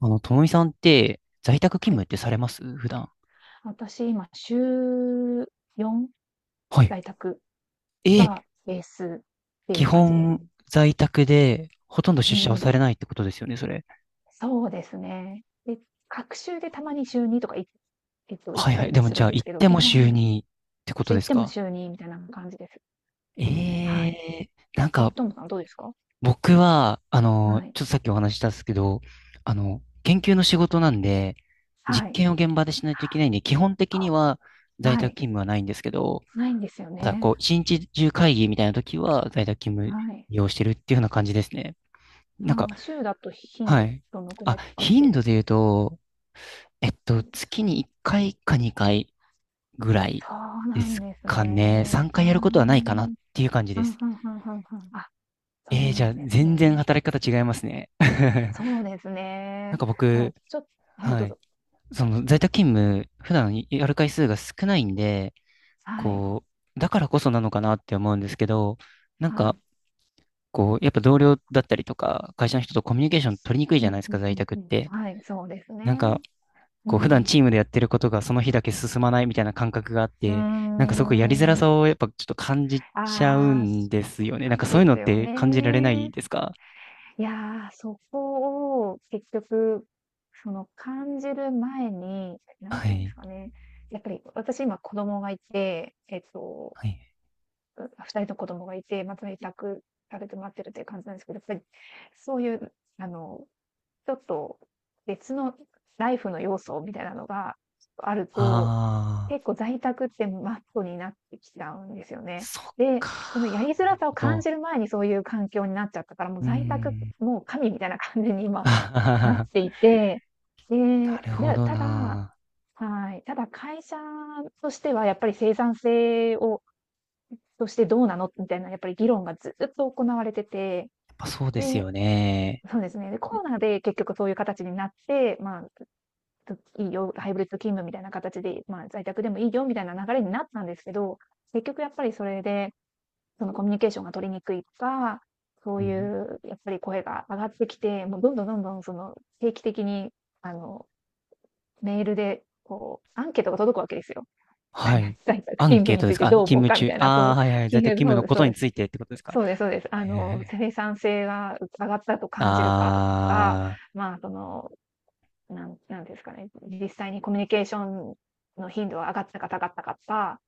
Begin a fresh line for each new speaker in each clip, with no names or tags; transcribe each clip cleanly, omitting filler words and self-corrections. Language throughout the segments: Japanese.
ともみさんって在宅勤
はい。
務ってされます普段。
私、今、週4、
はい。
在宅
えー、
がベースってい
基
う感じです。
本在宅でほとんど
う
出社は
ん。
されないってことですよね、それ。
そうですね。で、隔週でたまに週2とかいえっと、行っ
はい
た
は
り
い。で
も
も
す
じ
る
ゃ
ん
あ
です
行っ
けど、
て
基
も週
本、
にってこと
週
で
行っ
す
ても
か？
週2みたいな感じです。
え
はい。
えー、なんか
ともさんどうですか？
僕は、
はい。
ちょっとさっきお話ししたんですけど、研究の仕事なんで、
は
実
い。
験を現場でしないといけないんで、基本的に
あ
は在
は
宅
い。
勤務はないんですけど、
ないんですよ
ただ
ね。
こう、一日中会議みたいな時は在宅勤務
はい。
利用してるっていうような感じですね。なんか
週だと頻
は
度
い。
どのくら
あ、
いとかっ
頻
て
度で言うと、
感じです？
月に1回か2回ぐら
そ
い
うな
で
ん
す
です
かね。
ね。
3
うー
回
ん。う
やることはないかなっ
ん、うん
ていう感じ
う
で
んうん
す。
うん。あ、そう
じ
な
ゃあ、
んです
全然
ね。
働き方違いますね。
そうです
なん
ね。
か
ただ、
僕、
ちょっと、はい、ど
は
う
い。
ぞ。
その在宅勤務、普段やる回数が少ないんで、
はい。
こう、だからこそなのかなって思うんですけど、なん
は
か、
い。
こう、やっぱ同僚だったりとか、会社の人とコミュニケーション取りにくい
う
じゃ
ん、
ないです
う
か、
んう
在
ん
宅っ
うん。
て。
はい、そうです
なんか、
ね。う
こう普段
ん。
チームでやってることがその日だけ進まないみたいな感覚があっ
うー
て、なんかすごくやりづら
ん。
さをやっぱちょっと感じちゃう
ああ、そ
んですよ
う
ね。な
な
んか
ん
そう
で
いうの
す
っ
よ
て感じられない
ね。
ですか？
いやー、そこを結局、その感じる前に、なん
は
て言うんで
い。
すかね、やっぱり私今子供がいて、えっと
はい。
う2人の子供がいて、まあ、在宅されてもらってるという感じなんですけど、やっぱりそういう、あの、ちょっと別のライフの要素みたいなのがあると、
ああ、
結構在宅ってマストになってきちゃうんですよね。
そっ
で、このや
か。
りづ
なる
らさを
ほ
感
ど。
じる前にそういう環境になっちゃったから、もう
うー
在宅、
ん。
もう神みたいな感じに 今
あはは
なって
は
いて、で、
なるほ
で、
ど
ただ
な。
はい、ただ会社としてはやっぱり生産性をとしてどうなのみたいな、やっぱり議論がずっと行われてて、
やっぱそうです
で、
よね。
そうですね。で、コロナで結局そういう形になって、まあ、いいよ、ハイブリッド勤務みたいな形で、まあ、在宅でもいいよみたいな流れになったんですけど、結局やっぱりそれで、そのコミュニケーションが取りにくいとか、そう
う
い
ん、
うやっぱり声が上がってきて、もうどんどんどんどんその定期的に、あの、メールで、こう、アンケートが届くわけですよ。
はい。
在宅
アン
勤務
ケー
に
トで
つい
す
て
かあ、
どう思
勤
う
務
かみ
中。
たいな、そ
ああ、
う、
はいはい。
そう
在宅
です
勤務のこ
そう
と
で
に
す。
ついてってことですか？
そうですそうです。
はいはいはい。
生産性が上がったと感じるかとか、
あ
まあ、その、なんですかね、実際にコミュニケーションの頻度は上がったか下がったかとか、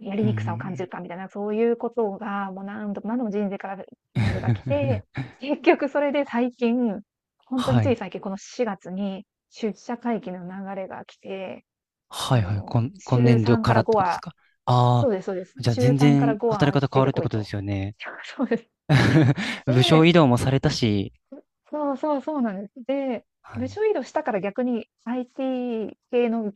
や
あ、
り
う
にくさを感じる
ん。
かみたいな、そういうことが、もう何度も何度も人生からメールが来て、結局それで最近、本当に
は
つい
い。
最近、この4月に出社会議の流れが来て、
はいはい。今、今
週
年度
3
か
か
ら
ら
っ
5
てことです
は
か？あ
そ
あ
うですそうです。
ー、じゃあ
週
全
3から
然
5は
働き方変
出
わ
て
るって
こい
ことで
と。
すよね。
そうです。
部署
で、
移動もされたし。
そうそうそうなんです。で、
は
部
い。
署移動したから逆に IT 系の、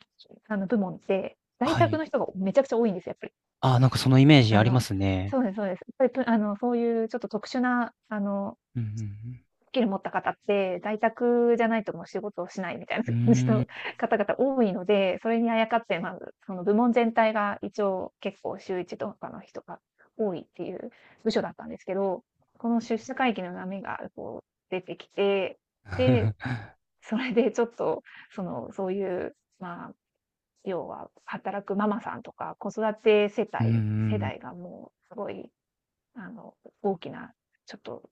部門って、在
は
宅
い。
の人がめちゃくちゃ多いんですよ、やっぱり。
ああ、なんかそのイメージ
あ
ありま
の、
すね。
そうですそうです。やっぱり、ぷあの、そういうちょっと特殊な、
うん
スキル持った方って、在宅じゃないともう仕事をしない
うんうん。う
みたいな感じ
ー
の
ん。
方々多いので、それにあやかって、まず、その部門全体が一応結構週一とかの人が多いっていう部署だったんですけど、この出社会議の波がこう出てきて、で、それでちょっと、その、そういう、まあ、要は働くママさんとか、子育て世
うんう
帯世
ん。
代がもうすごい、あの、大きな、ちょっと、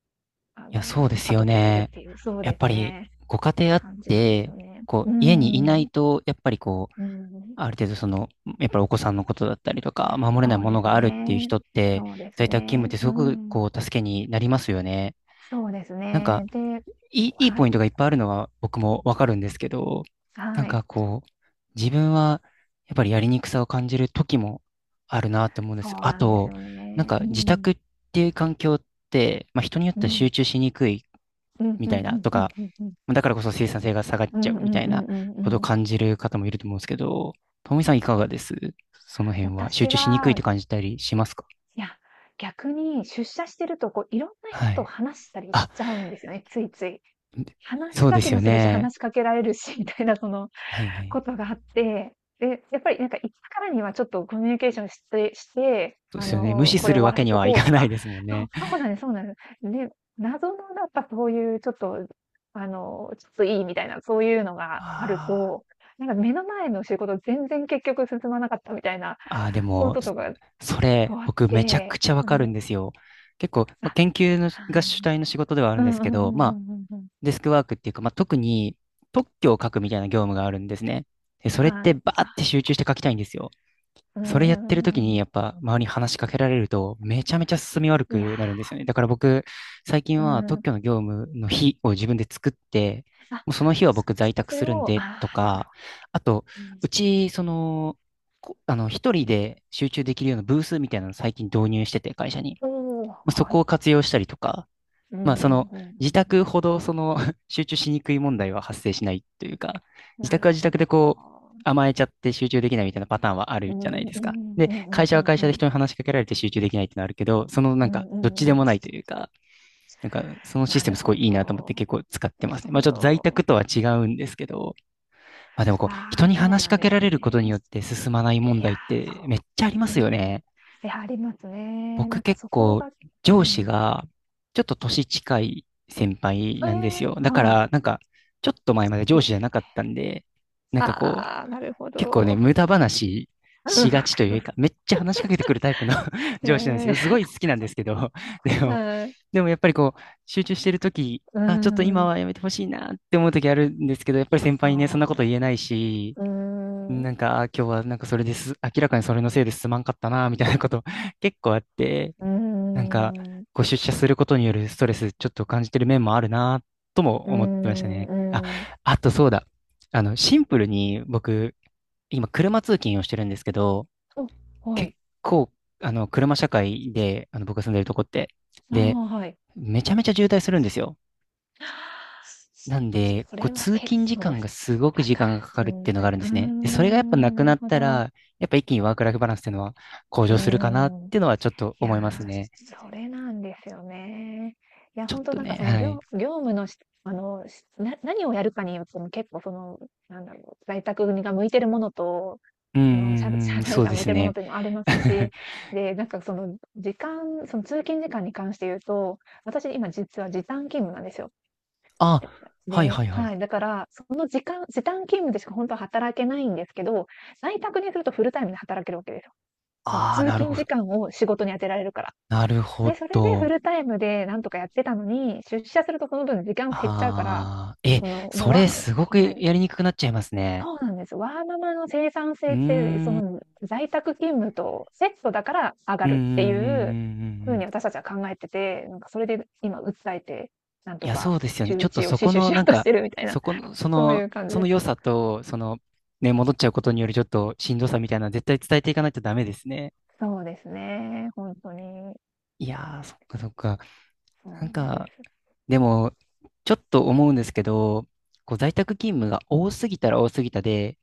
いや、そうです
過
よ
渡期にいるっ
ね。
ていう、そう
やっ
で
ぱ
す
り、
ね、
ご家庭あっ
感じなんです
て、
よね。
こ
う
う、
ー
家にいな
ん。
い
う
と、やっぱりこ
ーん。
ある程度その、やっぱりお子さんのことだったりとか、守れない
そう
も
で
の
す
があるっていう
ね。
人って、
そうです
在宅勤務っ
ね。
てす
うー
ごく
ん。
こう、助けになりますよね。
そうです
なんか、
ね。で
いい、いい
は
ポイ
い。
ントがいっぱいあるのは僕もわかるんですけど、なん
はい。
かこう、自分はやっぱりやりにくさを感じる時もあるなって思うんです。
そう
あ
なんです
と、
よ
なん
ね。
か
う
自
ん。
宅っていう環境って、まあ人によっ
う
ては集
ん。
中しにくい
うん。うん
み
う
たいな
ん
と
うん
か、
うんうん。
だからこそ生産性が下がっ
う
ちゃう
んう
みた
ん
い
うん
な
うん
ことを
うん。
感じる方もいると思うんですけど、ともみさんいかがですその辺は集
私
中しにくいっ
は、
て感じたりしますか？
いや、逆に出社してると、こう、いろんな人
は
と
い。
話したりし
あ、
ちゃうんですよね、ついつい。話し
そう
か
で
け
す
も
よ
するし、
ね。
話しかけられるし、みたいな、その、
はいはい。
ことがあって、で、やっぱりなんかいつからにはちょっとコミュニケーションして、
そうですよね。無視
こ
す
れ終
る
わ
わ
ら
け
せ
に
と
はい
こう
か
と
な
か、
いですもん
そう、
ね。
そうなんです、そうなんです。で、謎のやっぱそういうちょっと、ちょっといいみたいな、そういうのが
あ
ある
ー
と、なんか目の前の仕事全然結局進まなかったみたいな
あー、で
こ
も、
ととか
そ
こ
れ、
うあっ
僕めちゃ
て、
くちゃわ
う
かるん
ん、
ですよ。結構、
あ、
まあ、研究の
は
が主体の仕事ではある
あ、う
んで
ん
す
う
け
んう
ど、ま
んう
あ、
んうんうん。
デスクワークっていうか、まあ、特に特許を書くみたいな業務があるんですね。で、それっ
は
て
い。
バーって
あ、
集中して
こ
書きたいんですよ。
う
そ
んう
れ
ん
やっ
う
てる時
んう
に
んう
やっぱ周りに話しかけられるとめちゃめちゃ進み悪
ん。いや、
くなるんですよね。だから僕、最近
う
は特
ん。
許の業務の日を自分で作って、
あ、
もうその日は
そ
僕在宅
そ
す
れ
るん
を、あ
でと
あ、
か、あと、
うん、
うち、その、こあの、一人で集中できるようなブースみたいなの最近導入してて、会社に。
おお、
まあそ
は
こ
い。
を活用したりとか、
う
まあ、
ん
そ
うん
の、
うんう
自宅ほ
ん
ど、その 集中しにくい問題は発生しないというか、
うん。
自
な
宅
る
は自
ほ
宅
ど。
でこう、甘えちゃって集中できないみたいなパターンはあ
う
る
ん
じ
う
ゃない
ん
で
う
すか。
ん
で、
う
会
ん
社
う
は
ん
会
う
社
ん
で
うん。
人に話しかけられて集中できないってのはあるけど、そのな
う
んか、
んう
どっち
ん
で
う
も
ん。
ないというか、なんか、そのシス
な
テム
る
すご
ほ
いいいなと思っ
ど。
て結構使って
な
ます
る
ね。まあ、
ほ
ちょっと在
ど。
宅とは違うんですけど、まあ、でもこう、
あ
人
あ、
に
そう
話し
なん
か
で
け
す
られることに
ね。
よって進まない問
いや、
題ってめっちゃありま
そう。
す
う
よ
ん。い
ね。
や、ありますね。な
僕
んか
結
そこ
構
が、う
上司
ん。
がちょっと年近い先輩
え
なんです
え、
よ。だか
はい。
らなんかちょっと前まで
い
上
い
司
で
じゃ
す
なかっ
ね。
たんで、なんかこ
ああ、
う
なるほ
結構ね
ど。
無駄話
うん、
し
わ
が
か
ちと
り
い
ま
う
す。
かめっちゃ話しかけてくるタイプの
いや
上司
い
なんで
やい
す
や、
よ。すごい好きなんですけど、でも、
はい。
でもやっぱりこう集中してるとき、
うー
あ、ちょっと今
ん。
はやめてほしいなって思うときあるんですけど、やっぱり先
そ
輩にねそんなこ
う
と言えな
そ
いし、
う。う
な
ー
ん
ん。
かあ今日はなんかそれです、明らかにそれのせいですまんかったなみたいなこと結構あって、
うー
なんか、
ん。う
ご出社することによるストレス、ちょっと感じてる面もあるな、とも
ー
思ってましたね。あ、
ん、う
あとそうだ。シンプルに僕、今、車通勤をしてるんですけど、
ーん。お、は
結
い。
構、車社会で、僕が住んでるとこって、
あ
で、
あ、はい。
めちゃめちゃ渋滞するんですよ。なんで、
そ
こう、
れは
通
結
勤時
構
間が
し
すごく
だ
時
から
間がかか
し
るっ
ん
ていう
ど
のが
い。
あ
う
るん
ー
ですね。で、それがやっぱな
ん、
く
なる
なっ
ほ
た
ど。う
ら、やっぱ一気にワークライフバランスっていうのは向
ー
上するかなっ
ん。
ていうのはちょっと
いや
思いますね。
ー、それなんですよね。いや、
ちょっ
本当
と
なんか
ね、
その
はい。
業務のしあの、しな何をやるかによっても結構その、なんだろう、在宅が向いてるものと、
うん
その社、し
うんう
ゃ社
ん、そ
内
う
が
で
向い
す
てるもの
ね。
というのもありますし、で、なんかその時間、その通勤時間に関して言うと、私今実は時短勤務なんですよ。
あ、はい
で、
はいはい。
はい、だから、時短勤務でしか本当は働けないんですけど、在宅にするとフルタイムで働けるわけですよ。その
ああ、
通
なる
勤
ほ
時
ど。
間を仕事に当てられるから。
なるほ
で、それでフ
ど。
ルタイムでなんとかやってたのに、出社するとその分時間減っちゃうから、
ああ、え、
その、もう
そ
わ
れすご
は
く
い。
やりにくくなっちゃいますね。
そうなんです。ワーママの生産
うー
性
ん、
って、
うん
在宅勤務とセットだから上が
うんうんう
るっ
ん
ていう
うんう
風に
ん。
私たちは考えてて、なんかそれで今訴えて、なん
い
と
や、
か
そうですよね。
週
ちょっと
一を
そ
死
こ
守
の、
しよ
な
う
ん
とし
か、
てるみたいな、
そこの、そ
そうい
の、
う感じ
そ
で
の
す。
良さと、その、ね、戻っちゃうことによるちょっとしんどさみたいな、絶対伝えていかないとダメですね。
そうですね、ほんとに。
いやー、そっかそっか。
そ
なん
うなんで
か、
す。
でも、ちょっと思うんですけど、こう在宅勤務が多すぎたら多すぎたで、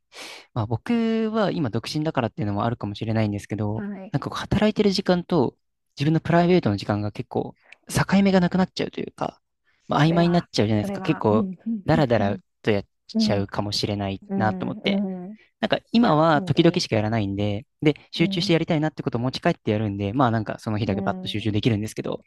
まあ、僕は今独身だからっていうのもあるかもしれないんですけど、
はい。
なんかこう働いてる時間と自分のプライベートの時間が結構境目がなくなっちゃうというか、まあ、
そ
曖
れ
昧になっ
は
ちゃうじゃないで
そ
す
れ
か。結
は、う
構
ん、ふん
ダ
ふ
ラ
ん
ダ
ふ
ラ
ん。
とやっ
う
ちゃう
ん、
かもしれない
う
なと思って。
ん、うん
なんか
い
今
や、
は
本当
時々
に。
しかやらないんで、で、
う
集中して
ん。
やりたいなってことを持ち帰ってやるんで、まあなんかその日だ
う
けバッと集
ん。
中できるんですけど、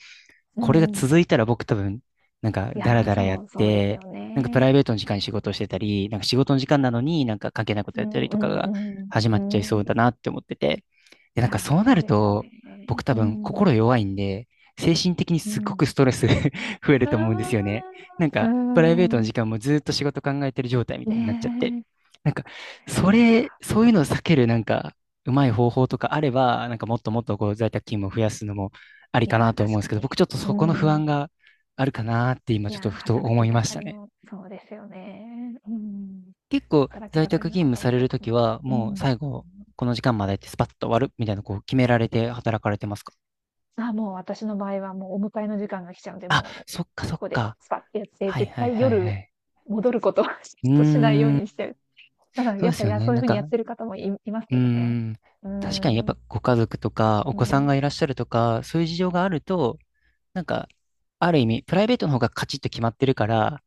う
これが
ん。
続いたら僕多分、なんか
い
ダラ
や、
ダラやっ
そう、そうです
て、
よ
なんかプ
ね。
ライベートの時間に仕事をしてたり、なんか仕事の時間なのになんか関係ないこと
う
やったり
んう
とかが
ん
始ま
う
っちゃい
ん。
そう
う
だ
ん。
なって思ってて。で、
い
なんか
や、
そうな
そう
る
ですよね。
と、僕多
う
分
ん。
心弱いんで、精神的に
う
すっご
ん。
くストレス 増える
うー
と思うんですよ
ん。
ね。なん
うー
かプライベートの
ん。
時間もずっと仕事考えてる状態みたいになっちゃって。
ね
なんか、
え。い
そ
や、
れ、そういうのを避けるなんか、うまい方法とかあれば、なんかもっともっとこう在宅勤務を増やすのもあり
いや、
かなと思う
確
んで
か
すけど、
に。
僕ちょっと
う
そこの不
ん。
安があるかなって今
い
ちょっ
や、
とふと
働
思
き
いまし
盛
た
り
ね。
のそうですよね。うん。
結構
働き
在
盛
宅
りの
勤務
方
さ
は
れ
そう
る
か
と
も。
きは、
う
もう
ん。
最後、この時間までってスパッと終わるみたいな、こう決められて働かれてますか？
あ、もう私の場合はもうお迎えの時間が来ちゃうんで、
あ、
もう、
そっかそ
こ
っ
こで
か。
スパッてやって、
はい
絶
はい
対
はいは
夜
い。
戻ることは ちょ
う
っとしないよう
ーん、
にしてる。ただ
そう
やっ
です
ぱ、い
よ
や
ね。
そうい
な
う
ん
風に
か、
やってる方もいいます
うー
けどね。
ん、
うー
確かにやっ
ん、
ぱご家族とかお
う
子さん
ん、
がいらっしゃるとか、そういう事情があると、なんか、ある意味、プライベートの方がカチッと決まってるから、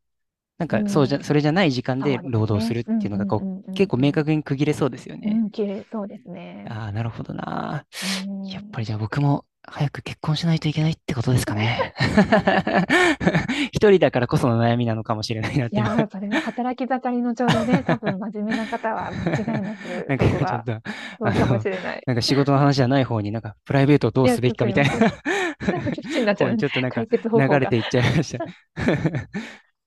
なん
う
か、そうじ
ん、
ゃ、それじゃない時間
そ
で
うで
労
す
働す
ね。
るっ
う
てい
ん
う
う
のが、
んう
こう、
んう
結
ん
構明確に
う
区切れそうですよ
ん。
ね。
うん、綺麗そうですね。
ああ、なるほどな。
うー
やっぱり
ん。
じゃあ僕も早く結婚しないといけないってことですかね。一人だからこその悩みなのかもしれないなっ
い
て今
やー、それは働き盛りのちょうどね、多分真面目な方は間違 いなく
なん
そ
か
こ
今ちょっ
は、
と、あ
そうかもし
の、
れない。
なんか仕事の話じゃない方になんかプライベートをど
い
う
や、
す
ち
べ
ょ
きか
す
み
い
た
ま
いな
せん。そっちにな っち
方
ゃ
に
うね、
ちょっと なんか
解決方
流
法
れ
が。
ていっちゃいました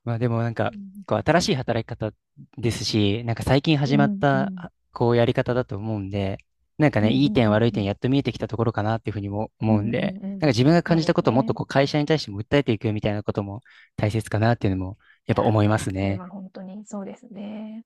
まあでもなんか、こう新しい働き方ですし、なんか最近
う
始まっ
んうんう
た
ん。
あこうやり方だと思うんで、なんか
う
ね、
ん
いい点悪い
う
点
ん。
やっと見えてきたところかなっていうふうにも
う
思う
ん
ん
うんう
で、
んう
なんか
ん。
自分が
そ
感
う
じ
で
たこ
す
とをもっと
ね。
こう会社に対しても訴えていくみたいなことも大切かなっていうのもや
い
っぱ
や、
思います
それ
ね。
は本当にそうですね。